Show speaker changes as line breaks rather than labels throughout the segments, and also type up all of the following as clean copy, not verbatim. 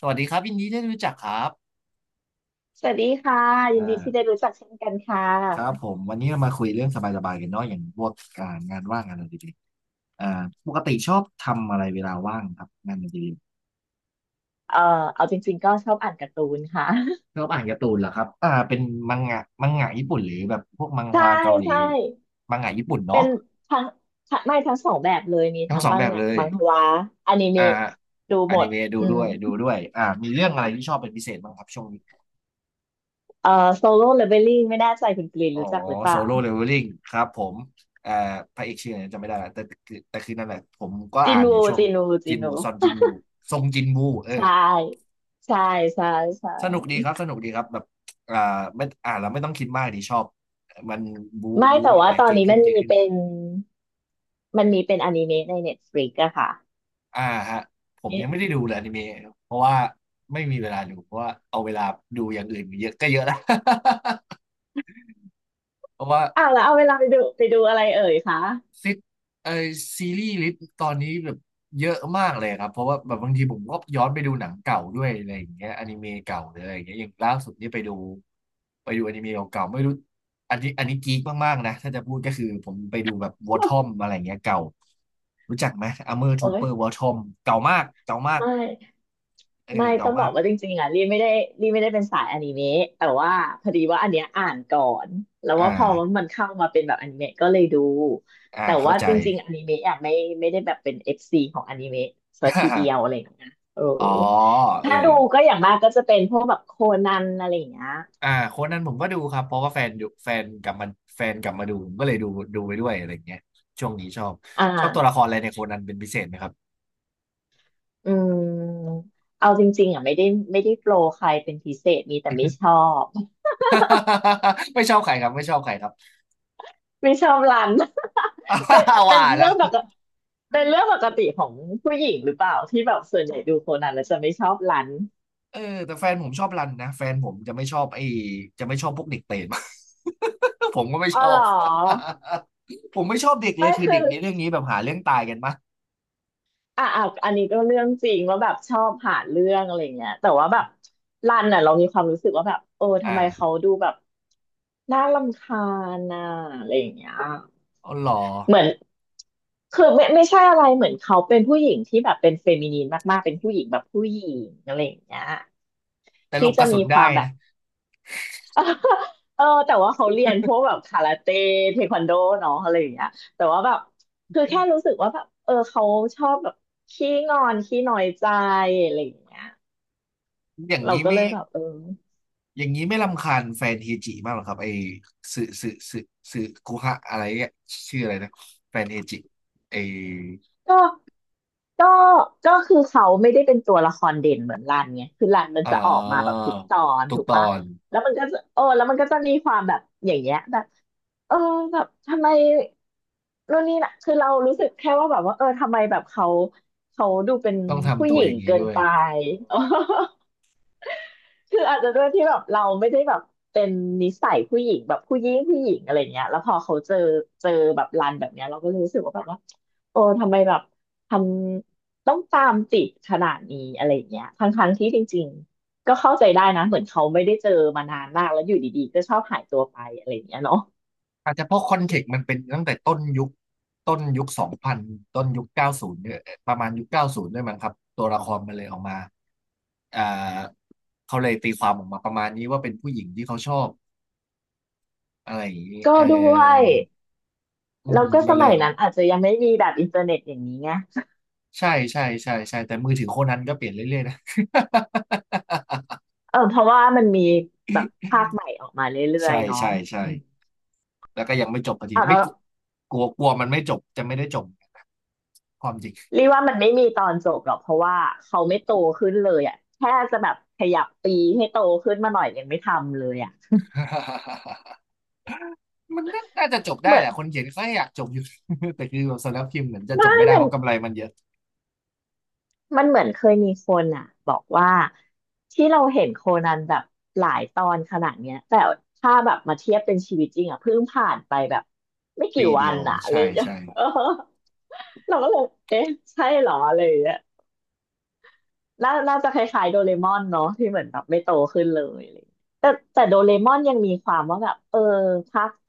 สวัสดีครับยินดีได้รู้จักครับ
สวัสดีค่ะ
อ่
ยินดีที่ได้
า
รู้จักเช่นกันค่ะ
ครับผมวันนี้เรามาคุยเรื่องสบายๆกันเนาะอย่างพวกการงานว่างงานอดิเรกอ่าปกติชอบทำอะไรเวลาว่างครับงานอดิเรก
เอ่อเอาจริงๆก็ชอบอ่านการ์ตูนค่ะ
ชอบอ่านการ์ตูนเหรอครับเป็นมังงะมังงะญี่ปุ่นหรือแบบพวกมัง ฮ
ใช่
วาเกาหลี
ใช่
มังงะญี่ปุ่น
เป็
เนาะ
นทั้งทั้งไม่ทั้งสองแบบเลยมี
ทั้ง
ทั้ง
สอง
มั
แบ
ง
บ
งะ
เลย
มังฮวาอนิ
อ่า
เมะดู
อ
หม
นิ
ด
เมะดู
อื
ด้
ม
วยดูด้วยมีเรื่องอะไรที่ชอบเป็นพิเศษบ้างครับช่วงนี้
เอ่อโซโล่เลเวลลิ่งไม่แน่ใจคุณกรีน
อ๋อ
รู้จักหรือเป
โซ
ล่า
โล่เลเวลลิ่งครับผมเอ่อพระเอกชื่ออะไรจำไม่ได้ละแต่คือนั่นแหละผมก็อ่านอยู่ช่วง
จิ
จิน
น
วูซอนจิ
วู
นวูซงจินวูเออ
ใช่ใช่ใช่ใช
สนุกดี
่
ครับสนุกดีครับแบบอ่าไม่อ่านแล้วไม่ต้องคิดมากดีชอบมันบู
ไม่
บู
แต่
แห
ว่า
ลก
ตอ
ๆ
น
เก่ง
นี้
ขึ้นเก่งขึ้น
มันมีเป็นอนิเมะใน Netflix อะค่ะ
อ่าฮะผมยั
เอ๊ะ
งไม่ได้ดูเลยอนิเมะเพราะว่าไม่มีเวลาดูเพราะว่าเอาเวลาดูอย่างอื่นเยอะก็เยอะแล้ว เพราะว่า
อ้าวแล้วเอาเวลาไปดูอะไรเอ่ยคะ
ซิกไอซีรีส์ลิสต์ตอนนี้แบบเยอะมากเลยครับเพราะว่าแบบบางทีผมก็ย้อนไปดูหนังเก่าด้วยอะไรอย่างเงี้ยอนิเมะเก่าหรืออะไรอย่างเงี้ยอย่างล่าสุดนี่ไปดูไปดูอนิเมะเก่าๆไม่รู้อันนี้อันนี้กีกมากๆนะถ้าจะพูดก็คือผมไปดูแบบวอทอมอะไรอย่างเงี้ยเก่ารู้จักไหมอ r เมอร์
โอ้
ทูเป
ย
อร์วอทอมเก่ามากเก่ามาก
ไม่
เออ
ไม่
เก่า
ต้องบ
มา
อก
ก
ว่าจริงๆอ่ะรีไม่ได้รีไม่ได้เป็นสายอนิเมะแต่ว่าพอดีว่าอันเนี้ยอ่านก่อนแล้ว
อ่า
ว่าพอมันเข้ามาเป็นแบบอนิเมะก็เลยดู
อ่า
แต่
เข้า
ว่า
ใจ
จริงๆอนิเมะอ่ะไม่ไม่ได้แบบเป็นเอฟซีของอนิเมะซะทีเดีย วอะไรอย่างเงี้ยโอ้
อ๋อเออ
ถ้าดูก็อย่างมากก็จะเป็นพวกแบบโคนันอะไรอย่างเงี้ย
อ่าโค้ดนั้นผมก็ดูครับเพราะว่าแฟนดูแฟนกลับมาแฟนกลับมาดูผมก็เลยดูดูไปด้วยอะไรอย่างเงี้ยช่วงนี้ชอบ
อ
ชอบตัว
่า
ละครอะไรในโค้ดนั้นเป็นพิเศษไหมครับ
อืมเอาจริงๆอ่ะไม่ได้ไม่ได้โปรใครเป็นพิเศษมีแต่ไม่ชอบ
ไม่ชอบใครครับไม่ชอบใครครับ
ไม่ชอบรัน เป็น เป็น
ว่า
เรื่
แล้ว
องปกติเป็นเรื่องปกติของผู้หญิงหรือเปล่าที่แบบส่วนใหญ่ดูโคนันแล้วจะไม่ชอบรัน
เออแต่แฟนผมชอบรันนะแฟนผมจะไม่ชอบไอ้จะไม่ชอบพวกเด็กเปรต ผมก็ไม่
อ๋
ช
อ
อ
เหร
บ
อ
ผมไม่ชอบเด็กเลย
ไม่
คือ
คื
เด็
อ
กในเรื่องนี้แบบหาเรื่องตายกันมาก
อ่ะอ่ะอันนี้ก็เรื่องจริงว่าแบบชอบหาเรื่องอะไรเงี้ยแต่ว่าแบบรันอ่ะเรามีความรู้สึกว่าแบบเออ
อ
ทำไมเขา
่า
ดูแบบน่ารำคาญน่ะอะไรอย่างเงี้ย
อ๋อเหรอ
เหมือนคือไม่ไม่ใช่อะไรเหมือนเขาเป็นผู้หญิงที่แบบเป็นเฟมินีนมากๆเป็นผู้หญิงแบบผู้หญิงอะไรอย่างเงี้ย
แต่หล
ที่
บก
จะ
ระสุ
มี
น
ค
ได้
วามแบ
นะ
บ เออแต่ว่าเขาเรียนพวกแบบคาราเต้เทควันโดเนาะอะไรอย่างเงี้ยแต่ว่าแบบคือแค่รู้สึกว่าแบบเออเขาชอบแบบขี้งอนขี้น้อยใจอะไรอย่างเงี้ย
อย่าง
เรา
นี้
ก็
ไม่
เลยแบบเออ
อย่างนี้ไม่รำคาญแฟนเฮจิมากหรอครับไอ้สึสึสึสึคุฮะอะไรเนี่ยชื่ออะไรนะแฟนเฮจิไอ้
ก็ ก็ก็คือเขาไม่ได้เป็นตัวละครเด่นเหมือนรันไงคือรันมัน
เอ่
จะออกมาแบบ
อ
ทุกตอน
ทุก
ถูก
ต
ปะ
อน
แล้วมันก็จะเออแล้วมันก็จะมีความแบบอย่างเงี้ยแบบเออแบบทำไมนู่นนี่นะคือเรารู้สึกแค่ว่าแบบว่าเออทำไมแบบเขาดูเป็น
ต้อง
ผู้
ทำตั
ห
ว
ญิ
อ
ง
ย่างนี้
เกิน
ด้วย
ไป คืออาจจะด้วยที่แบบเราไม่ได้แบบเป็นนิสัยผู้หญิงแบบผู้หญิงผู้หญิงอะไรเงี้ยแล้วพอเจอแบบรันแบบเนี้ยเราก็รู้สึกว่าแบบว่าโอ้ทำไมแบบทำต้องตามติดขนาดนี้อะไรเงี้ยทั้งที่จริงๆก็เข้าใจได้นะเหมือนเขาไม่ได้เจอมานานมากแล้วอยู่ดีๆก็ชอบหายตัวไปอะไรเงี้ยเนาะ
อาจจะเพราะคอนเทกต์มันเป็นตั้งแต่ต้นยุคต้นยุค2000ต้นยุคเก้าศูนย์เนี่ยประมาณยุคเก้าศูนย์ด้วยมั้งครับตัวละครมันเลยออกมาอ่าเขาเลยตีความออกมาประมาณนี้ว่าเป็นผู้หญิงที่เขาชอบอะไรอย่างนี้
ก็
เอ
ด้วย
ออื
แล้
ม
วก็
มั
ส
นเล
มั
ย
ยนั้นอาจจะยังไม่มีแบบอินเทอร์เน็ตอย่างนี้ไง
ใช่ใช่ใช่ใช่แต่มือถือโคนันก็เปลี่ยนเรื่อยๆนะ
เออเพราะว่ามันมีแบบภาคใหม่ออกมาเร ื่อ
ใช่
ยๆเนาะ
ใช่ใช่
อืม
แล้วก็ยังไม่จบพอดี
อ่ะแล้
ไม่
ว
กลัวกลัวกลัวมันไม่จบจะไม่ได้จบความจริง
รีว่ามันไม่มีตอนจบหรอกเพราะว่าเขาไม่โตขึ้นเลยอ่ะแค่จะแบบขยับปีให้โตขึ้นมาหน่อยยังไม่ทำเลยอ่ะ
มันน่าจะจบได้
เหมื
แห
อน
ละคนเขียนกาอยากจบอยู่ แต่คือแบบสำนักพิมพ์เหมือนจะจ
ไม่
บไม่ได้
มั
เพ
น
ราะกำไรมันเยอะ
มันเหมือนเคยมีคนอ่ะบอกว่าที่เราเห็นโคนันแบบหลายตอนขนาดเนี้ยแต่ถ้าแบบมาเทียบเป็นชีวิตจริงอ่ะเพิ่งผ่านไปแบบไม่กี่
ปี
วั
เดีย
น
ว
อ่ะเล
ใช่
ย
ใช่
เออ เราก็เลยเอ๊ะใช่เหรอเลย น่าน่าจะคล้ายๆโดเรมอนเนาะที่เหมือนแบบไม่โตขึ้นเลยอะไรอย่างเงี้ยแต่แต่โดเรมอนยังมีความว่าแบบเออภาคโต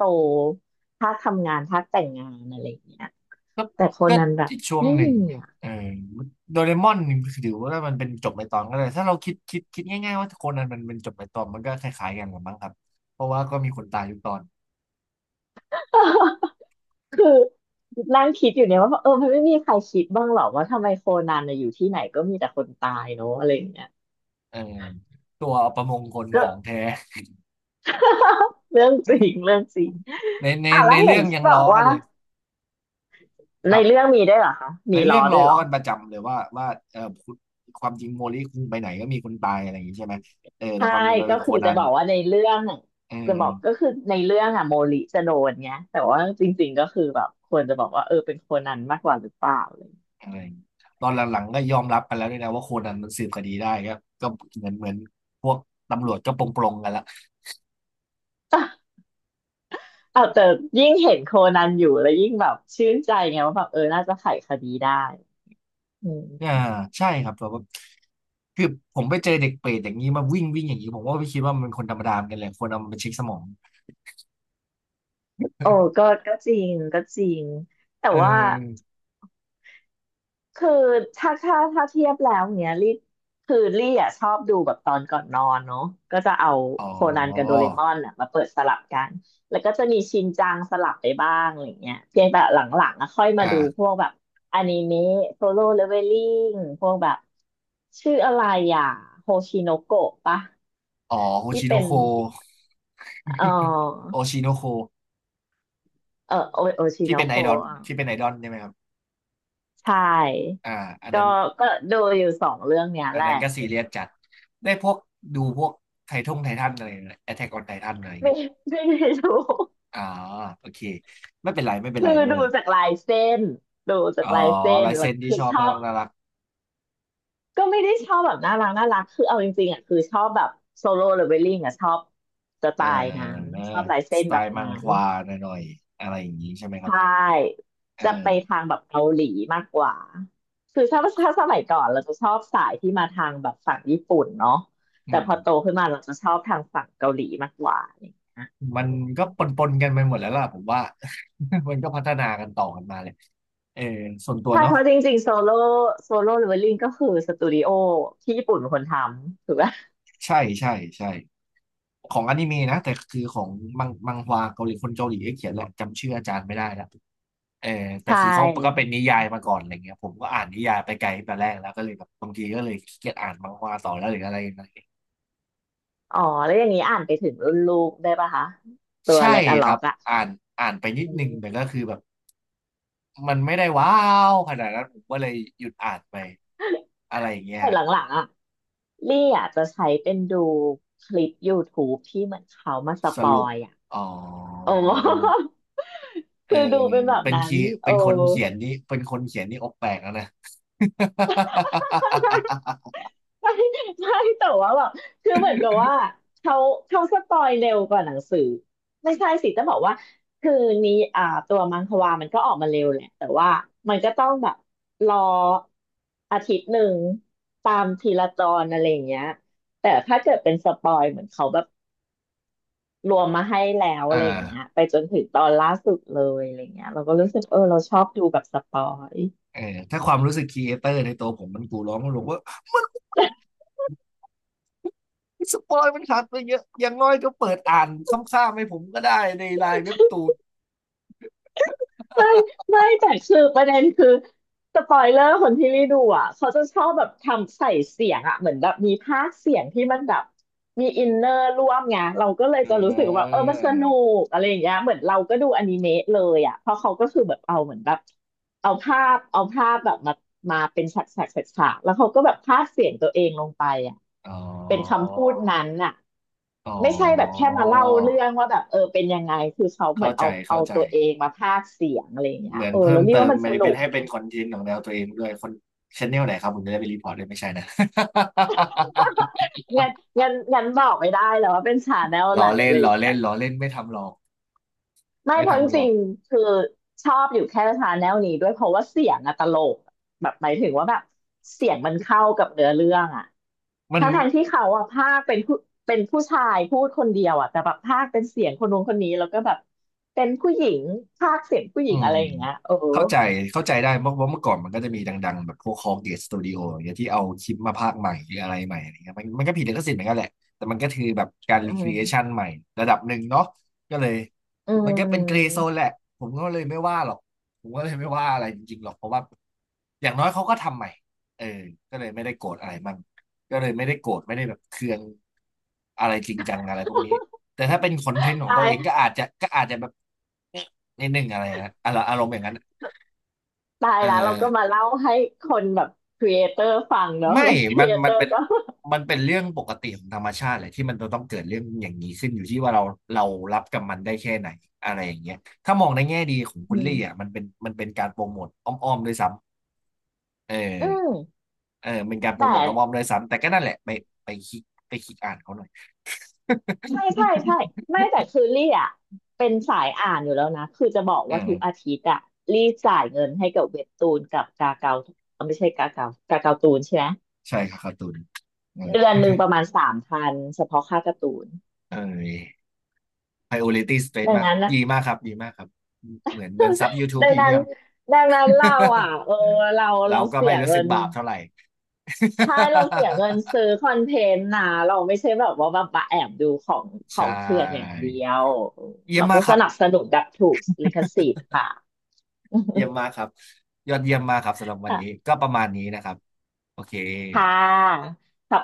ภาคทำงานภาคแต่งงานอะไรอย่างเงี้ย
ก็
แต่โค
ก็
นันแบบ
อีกช่วง
ไม่
หนึ่
มี
ง
อ่ะ
เออโดเรมอนถือว่ามันเป็นจบในตอนก็เลยถ้าเราคิดง่ายๆว่าโคนันมันเป็นจบในตอนมันก็คล้ายๆกันหรือมั้งครับเพราะว่าก็มีคนตายทุกตอน
คือนั่งคิดอยู่เนี่ยว่าเออมันไม่มีใครคิดบ้างหรอว่าทำไมโคนันน่ะอยู่ที่ไหนก็มีแต่คนตายเนาะอะไรอย่างเงี้ย
เออตัวประมงคนข
ก็
องแท้
เรื่องจริงเรื่องจริง
ในใน
อ่ะแล้
ใน
วเห็
เรื่
น
องยั
ที่
ง
บ
ล้
อ
อ
ก
กั
ว่า
นเลยค
ใน
รั
เรื่
บ
องมีด้วยเหรอคะ
ใน
มี
เรื่
ล้
อ
อ
ง
ด้
ล้
วย
อ
เหรอ
กันประจำเลยว่าเออคุณความจริงโมลิคุณไปไหนก็มีคนตายอะไรอย่างงี้ใช่ไหมเออแต่
ใช่
ความจริงมัน
ก็
เป็นโค
คือ
นั
จะ
น
บอกว่าในเรื่อง
เออ
จะบอกก็คือในเรื่องอะโมริจะโดนเงี้ยแต่ว่าจริงๆก็คือแบบควรจะบอกว่าเออเป็นโคนันมากกว่าหรือเปล่าอะไรอย่างเลย
อะไรอย่างงี้ตอนหลังๆก็ยอมรับกันแล้วด้วยนะว่าโคนันมันสืบคดีได้ก็เหมือนพวกตำรวจก็ปลงๆกันละ
อ้าวแต่ยิ่งเห็นโคนันอยู่แล้วยิ่งแบบชื่นใจไงว่าแบบเออน่าจะไขคดีได้อื
อ่า
ม
ใช่ครับแต่ว่าคือผมไปเจอเด็กเปรตอย่างนี้มาวิ่งวิ่งอย่างนี้ผมว่าไม่คิดว่ามันเป็นคนธรรมดาเหมือนกันแหละคนเอามันไปเช็คสมอง
โอ้ก็ก็จริงก็จริงแต่
เอ
ว่า
อ
คือถ้าเทียบแล้วเนี้ยคือลี่อ่ะชอบดูแบบตอนก่อนนอนเนาะก็จะเอา
อ๋อ
โคนันกับโดเรมอนอ่ะมาเปิดสลับกันแล้วก็จะมีชินจังสลับไปบ้างอะไรเงี้ยเพียงแต่หลังๆอ่ะค่อยมา
อ่า
ดูพวกแบบอนิเมะโซโล่เลเวลลิ่งพวกแบบชื่ออะไรอ่ะโฮชิโนโกะปะ
อ๋อโฮ
ที่
ชิโน
เป็น
โค
เออ
โอชิโนโค
เออโอโอ ชิ
ที่
โน
เป็นไอ
โก
ดอล
ะ
ที่เป็นไอดอลใช่ไหมครับ
ใช่
อ่าอันนั้น
ก็ก็ดูอยู่สองเรื่องเนี้ย
อั
แห
น
ละ
นั้นก็ซีเรียสจัด ได้พวกดูพวกไททงไททันอะไรแอทแทกออนไททันอะไรอย่าง
ไม่
เงี้ย
ไม่ได้ดู
อ่าโอเค ไม่เป็นไร ไม่เป็นไร
คือ
ไม่เป็น
ดู
ไร
จากลายเส้นดูจา
อ๋
ก
อ
ลายเส้น
ลาย
แล้
เซ็
ว
นที่
คื
ช
อ
อบ
ชอ
น่า
บ
รักน่ารัก
ก็ไม่ได้ชอบแบบน่ารักน่ารักคือเอาจริงๆอ่ะคือชอบแบบโซโล่หรือเวลลิ่งอ่ะชอบสไต
เอ
ล์นั้น
อ
ชอบลายเส้
ส
น
ไต
แบบ
ล์มั
นั้
งค
น
วาหน่อยๆอะไรอย่างงี้ใช่ไหมค
ใช
รับ
่
เออ
จะไปทางแบบเกาหลีมากกว่าคือชอบถ้าสมัยก่อนเราจะชอบสายที่มาทางแบบฝั่งญี่ปุ่นเนาะ
อื
แต่
ม
พอโตขึ้นมาเราจะชอบทางฝั่งเกาหลีมากกว่า
มั
อื
น
ม
ก็ปนปนกันไปหมดแล้วล่ะผมว่า มันก็พัฒนากันต่อกันมาเลยเออส่วนตัว
ใช่เพ
เนาะ
ราะจริงๆโซโล่เลเวลลิ่งก็คือสตูดิโอที่ญี่ปุ่นเป็นคนทำถูกไหม
ใช่ใช่ใช่ของอนิเมะนะแต่คือของมังฮวาเกาหลีคนเกาหลีเขียนแหละจำชื่ออาจารย์ไม่ได้ละเออ
ใช
แต่คือเขาก็เป็
่
นนิยายมาก่อนอะไรเงี้ยผมก็อ่านนิยายไปไกลไปแรกแล้วก็เลยแบบบางทีก็เลยขี้เกียจอ่านมังฮวาต่อแล้วหรืออะไรอย่างเงี้ย
อ๋อ แล้วอย่างนี้อ่านไปถึงรุ่นลูกได้ปะคะ ตัว
ใช่
เล็กอะ
ค
ล็
รั
อก
บ
อะ
อ่านอ่านไปนิด
อื
นึงแต่ก็
ม
คือแบบมันไม่ได้ว้าวขนาดนั้นผมก็เลยหยุดอ่านไปอะไรอย่างเงี้ย
แต่หลังๆอะลี่อ่ะจะใช้เป็นดูคลิป YouTube ที่เหมือนเขามาส
ส
ปอ
รุป
ยอะ
อ๋อ
โอ้
เออ
คือดูเป็นแบบ
เป็น
นั้น
คี
โอ้
เป็นคนเขียนนี่อกแตกแล้วนะ
ใช่ใช่แต่ว่าแบบคือเหมือนกับว่าเขาเขาสปอยเร็วกว่าหนังสือ ไม่ใช่สิจะบอกว่า คือนี้อ่าตัวมังความันก็ออกมาเร็วแหละแต่ว่า มันก็ต้องแบบ รออาทิตย์หนึ่ง ตามทีละตอนอะไรอย่างเงี้ยแต่ถ้าเกิดเป็นสปอยเหมือนเขาแบบรวมมาให้แล้วอะ
อ่า
ไรอย่างเงี้ยไปจนถึงตอนล่าสุดเลยอะไรอย่างเงี้ยเราก็รู้สึกเออเราชอบดูแบบสปอย
เออถ้าความรู้สึกครีเอเตอร์ในตัวผมมันกูร้องมันบอกว่า มันสปอยล์มันขาดไปเยอะอย่างน้อยก็เปิดอ่านซ้ำๆให้ผมก็ได้ในไลน์เว็บตูน
ไม่ไม่แต่คือประเด็นคือสปอยเลอร์คนที่รีดูอ่ะเขาจะชอบแบบทำใส่เสียงอ่ะเหมือนแบบมีพากย์เสียงที่มันแบบมีอินเนอร์ร่วมไงเราก็เลยจะ รู้สึกว่าเอ
เออ
อมันสนุกอะไรอย่างเงี้ยเหมือนเราก็ดูอนิเมะเลยอ่ะเพราะเขาก็คือแบบเอาเหมือนแบบเอาภาพแบบมาเป็นฉากฉากฉากฉากแล้วเขาก็แบบพากย์เสียงตัวเองลงไปอ่ะ
อ๋
เป็น
อ
คำพูดนั้นอ่ะ
อ๋อ
ไม่ใช่แบบแค่มาเล่าเรื่องว่าแบบเออเป็นยังไงคือเขาเหมื
เข้า
อน
ใจ
เอา
เข้าใจ
ตัวเองมาพากย์เสียงอะไรอย่างเงี้
เห
ย
มือน
โอ้
เพิ่
แล้
ม
วเรียก
เติม
ว่ามัน
มั
ส
น
นุ
เป็น
ก
ให้
ไง
เป็นคอนเทนต์ของแนวตัวเองด้วยคนชแนลไหนครับผมจะได้ไปรีพอร์ตเลยไม่ใช่นะ
งั้นงั้นบอกไม่ได้แล้วว่าเป็นชาแนล ไห
ล้
น
อเล่
อะ
น
ไรอ
ล้อ
ย่างเงี้
เล่
ย
นล้อเล่นไม่ทำหรอก
ไม่
ไม่
เพราะจ
ทำหรอ
ริ
ก
งๆคือชอบอยู่แค่ชาแนลนี้ด้วยเพราะว่าเสียงอะตลกแบบหมายถึงว่าแบบเสียงมันเข้ากับเนื้อเรื่องอะ
มัน
ทั้งทที่เขาอะพากย์เป็นผู้ชายพูดคนเดียวอะแต่แบบพากย์เป็นเสียงคนนู้นคนนี้แล้วก็แบบเป็นผู้หญิงพากย์เสียงผู้หญิ
อื
ง
ม
อะไรอย่างเงี้ยเออ
เข้าใจเข้าใจได้เพราะว่าเมื่อก่อนมันก็จะมีดังๆแบบพวกคอเกตสตูดิโออย่างเงี้ยที่เอาคลิปมาพากย์ใหม่หรืออะไรใหม่อะไรเงี้ยมันก็ผิดลิขสิทธิ์เหมือนกันแหละแต่มันก็คือแบบการ
อื
รีครีเอชัน
ม
ใหม่ระดับหนึ่งเนาะก็เลย
อื
มันก็เป็นเกรย์โซ
ม
นแหละผมก็เลยไม่ว่าหรอกผมก็เลยไม่ว่าอะไรจริงๆหรอกเพราะว่าอย่างน้อยเขาก็ทำใหม่เออก็เลยไม่ได้โกรธอะไรมั่งก็เลยไม่ได้โกรธไม่ได้แบบเคืองอะไรจริงจังอะไรพวกนี้แต่ถ้าเป็นคอนเทนต์ของตั
ตา
ว
ย
เองก็อาจจะก็อาจจะแบบ นิดนึงอะไรฮะอารมณ์อย่างนั้น
ตาย
เออ
แล้วเราก็มาเล่าให้คนแบบครีเอเตอร์ฟังเนอะ
ไม่
แล้วค
มั
รี
น
เอเต
มั
อ
น
ร์
เป็น
ก็
มันเป็นเรื่องปกติของธรรมชาติเลยที่มันจะต้องเกิดเรื่องอย่างนี้ขึ้นอยู่ที่ว่าเรารับกับมันได้แค่ไหนอะไรอย่างเงี้ยถ้ามองในแง่ดีของคุ
อื
ณลี่
ม
อ่ะมันเป็นการโปรโมทอ้อมๆด้วยซ้ำเออ
อืม
เออเป็นการโป
แต
รโมทอ้อม
่
ๆด้วยซ้ำแต่ก็นั่นแหละไปไปคิดไปคิดอ่านเขาหน่อย
ใช่ใช่ใช่ไม่แต่คือลี่อ่ะเป็นสายอ่านอยู่แล้วนะคือจะบอก
เอ
ว่าทุกอา
อ
ทิตย์อ่ะลี่จ่ายเงินให้กับเว็บตูนกับกาเกาเอ้าไม่ใช่กาเกาตูนใช่ไหม
ใช่ครับการ์ตูนนั่นแหละ
เดือนหนึ่งประมาณ3,000เฉพาะค่าการ์ตูน
เออ priority straight
ดัง
มาก
นั้นนะ
ดีมากครับดีมากครับเหมือนเหมือนซับ YouTube
ดังนั้น
Premium
ดังนั้นเราอ่ะเออเรา
เรา
เรา
ก็
เสี
ไม่
ย
รู้
เงิ
สึก
น
บาปเท่าไหร่
ใช่เราเสียเงินซื้อคอนเทนต์นะเราไม่ใช่แบบว่าแบบมาแอบดูของ ขอ
ใช่
งเถื่อนอย่างเดียวอืม
เยี่ย
เรา
มมา
ก็
กค
ส
รับ
นับสนุนแบบถูกลิขสิทธิ์ค่ะ
เยี่ยมมากครับยอดเยี่ยมมากครับสำหรับวันนี้ ก็ประมาณนี้นะครับโอเค
ค่ะ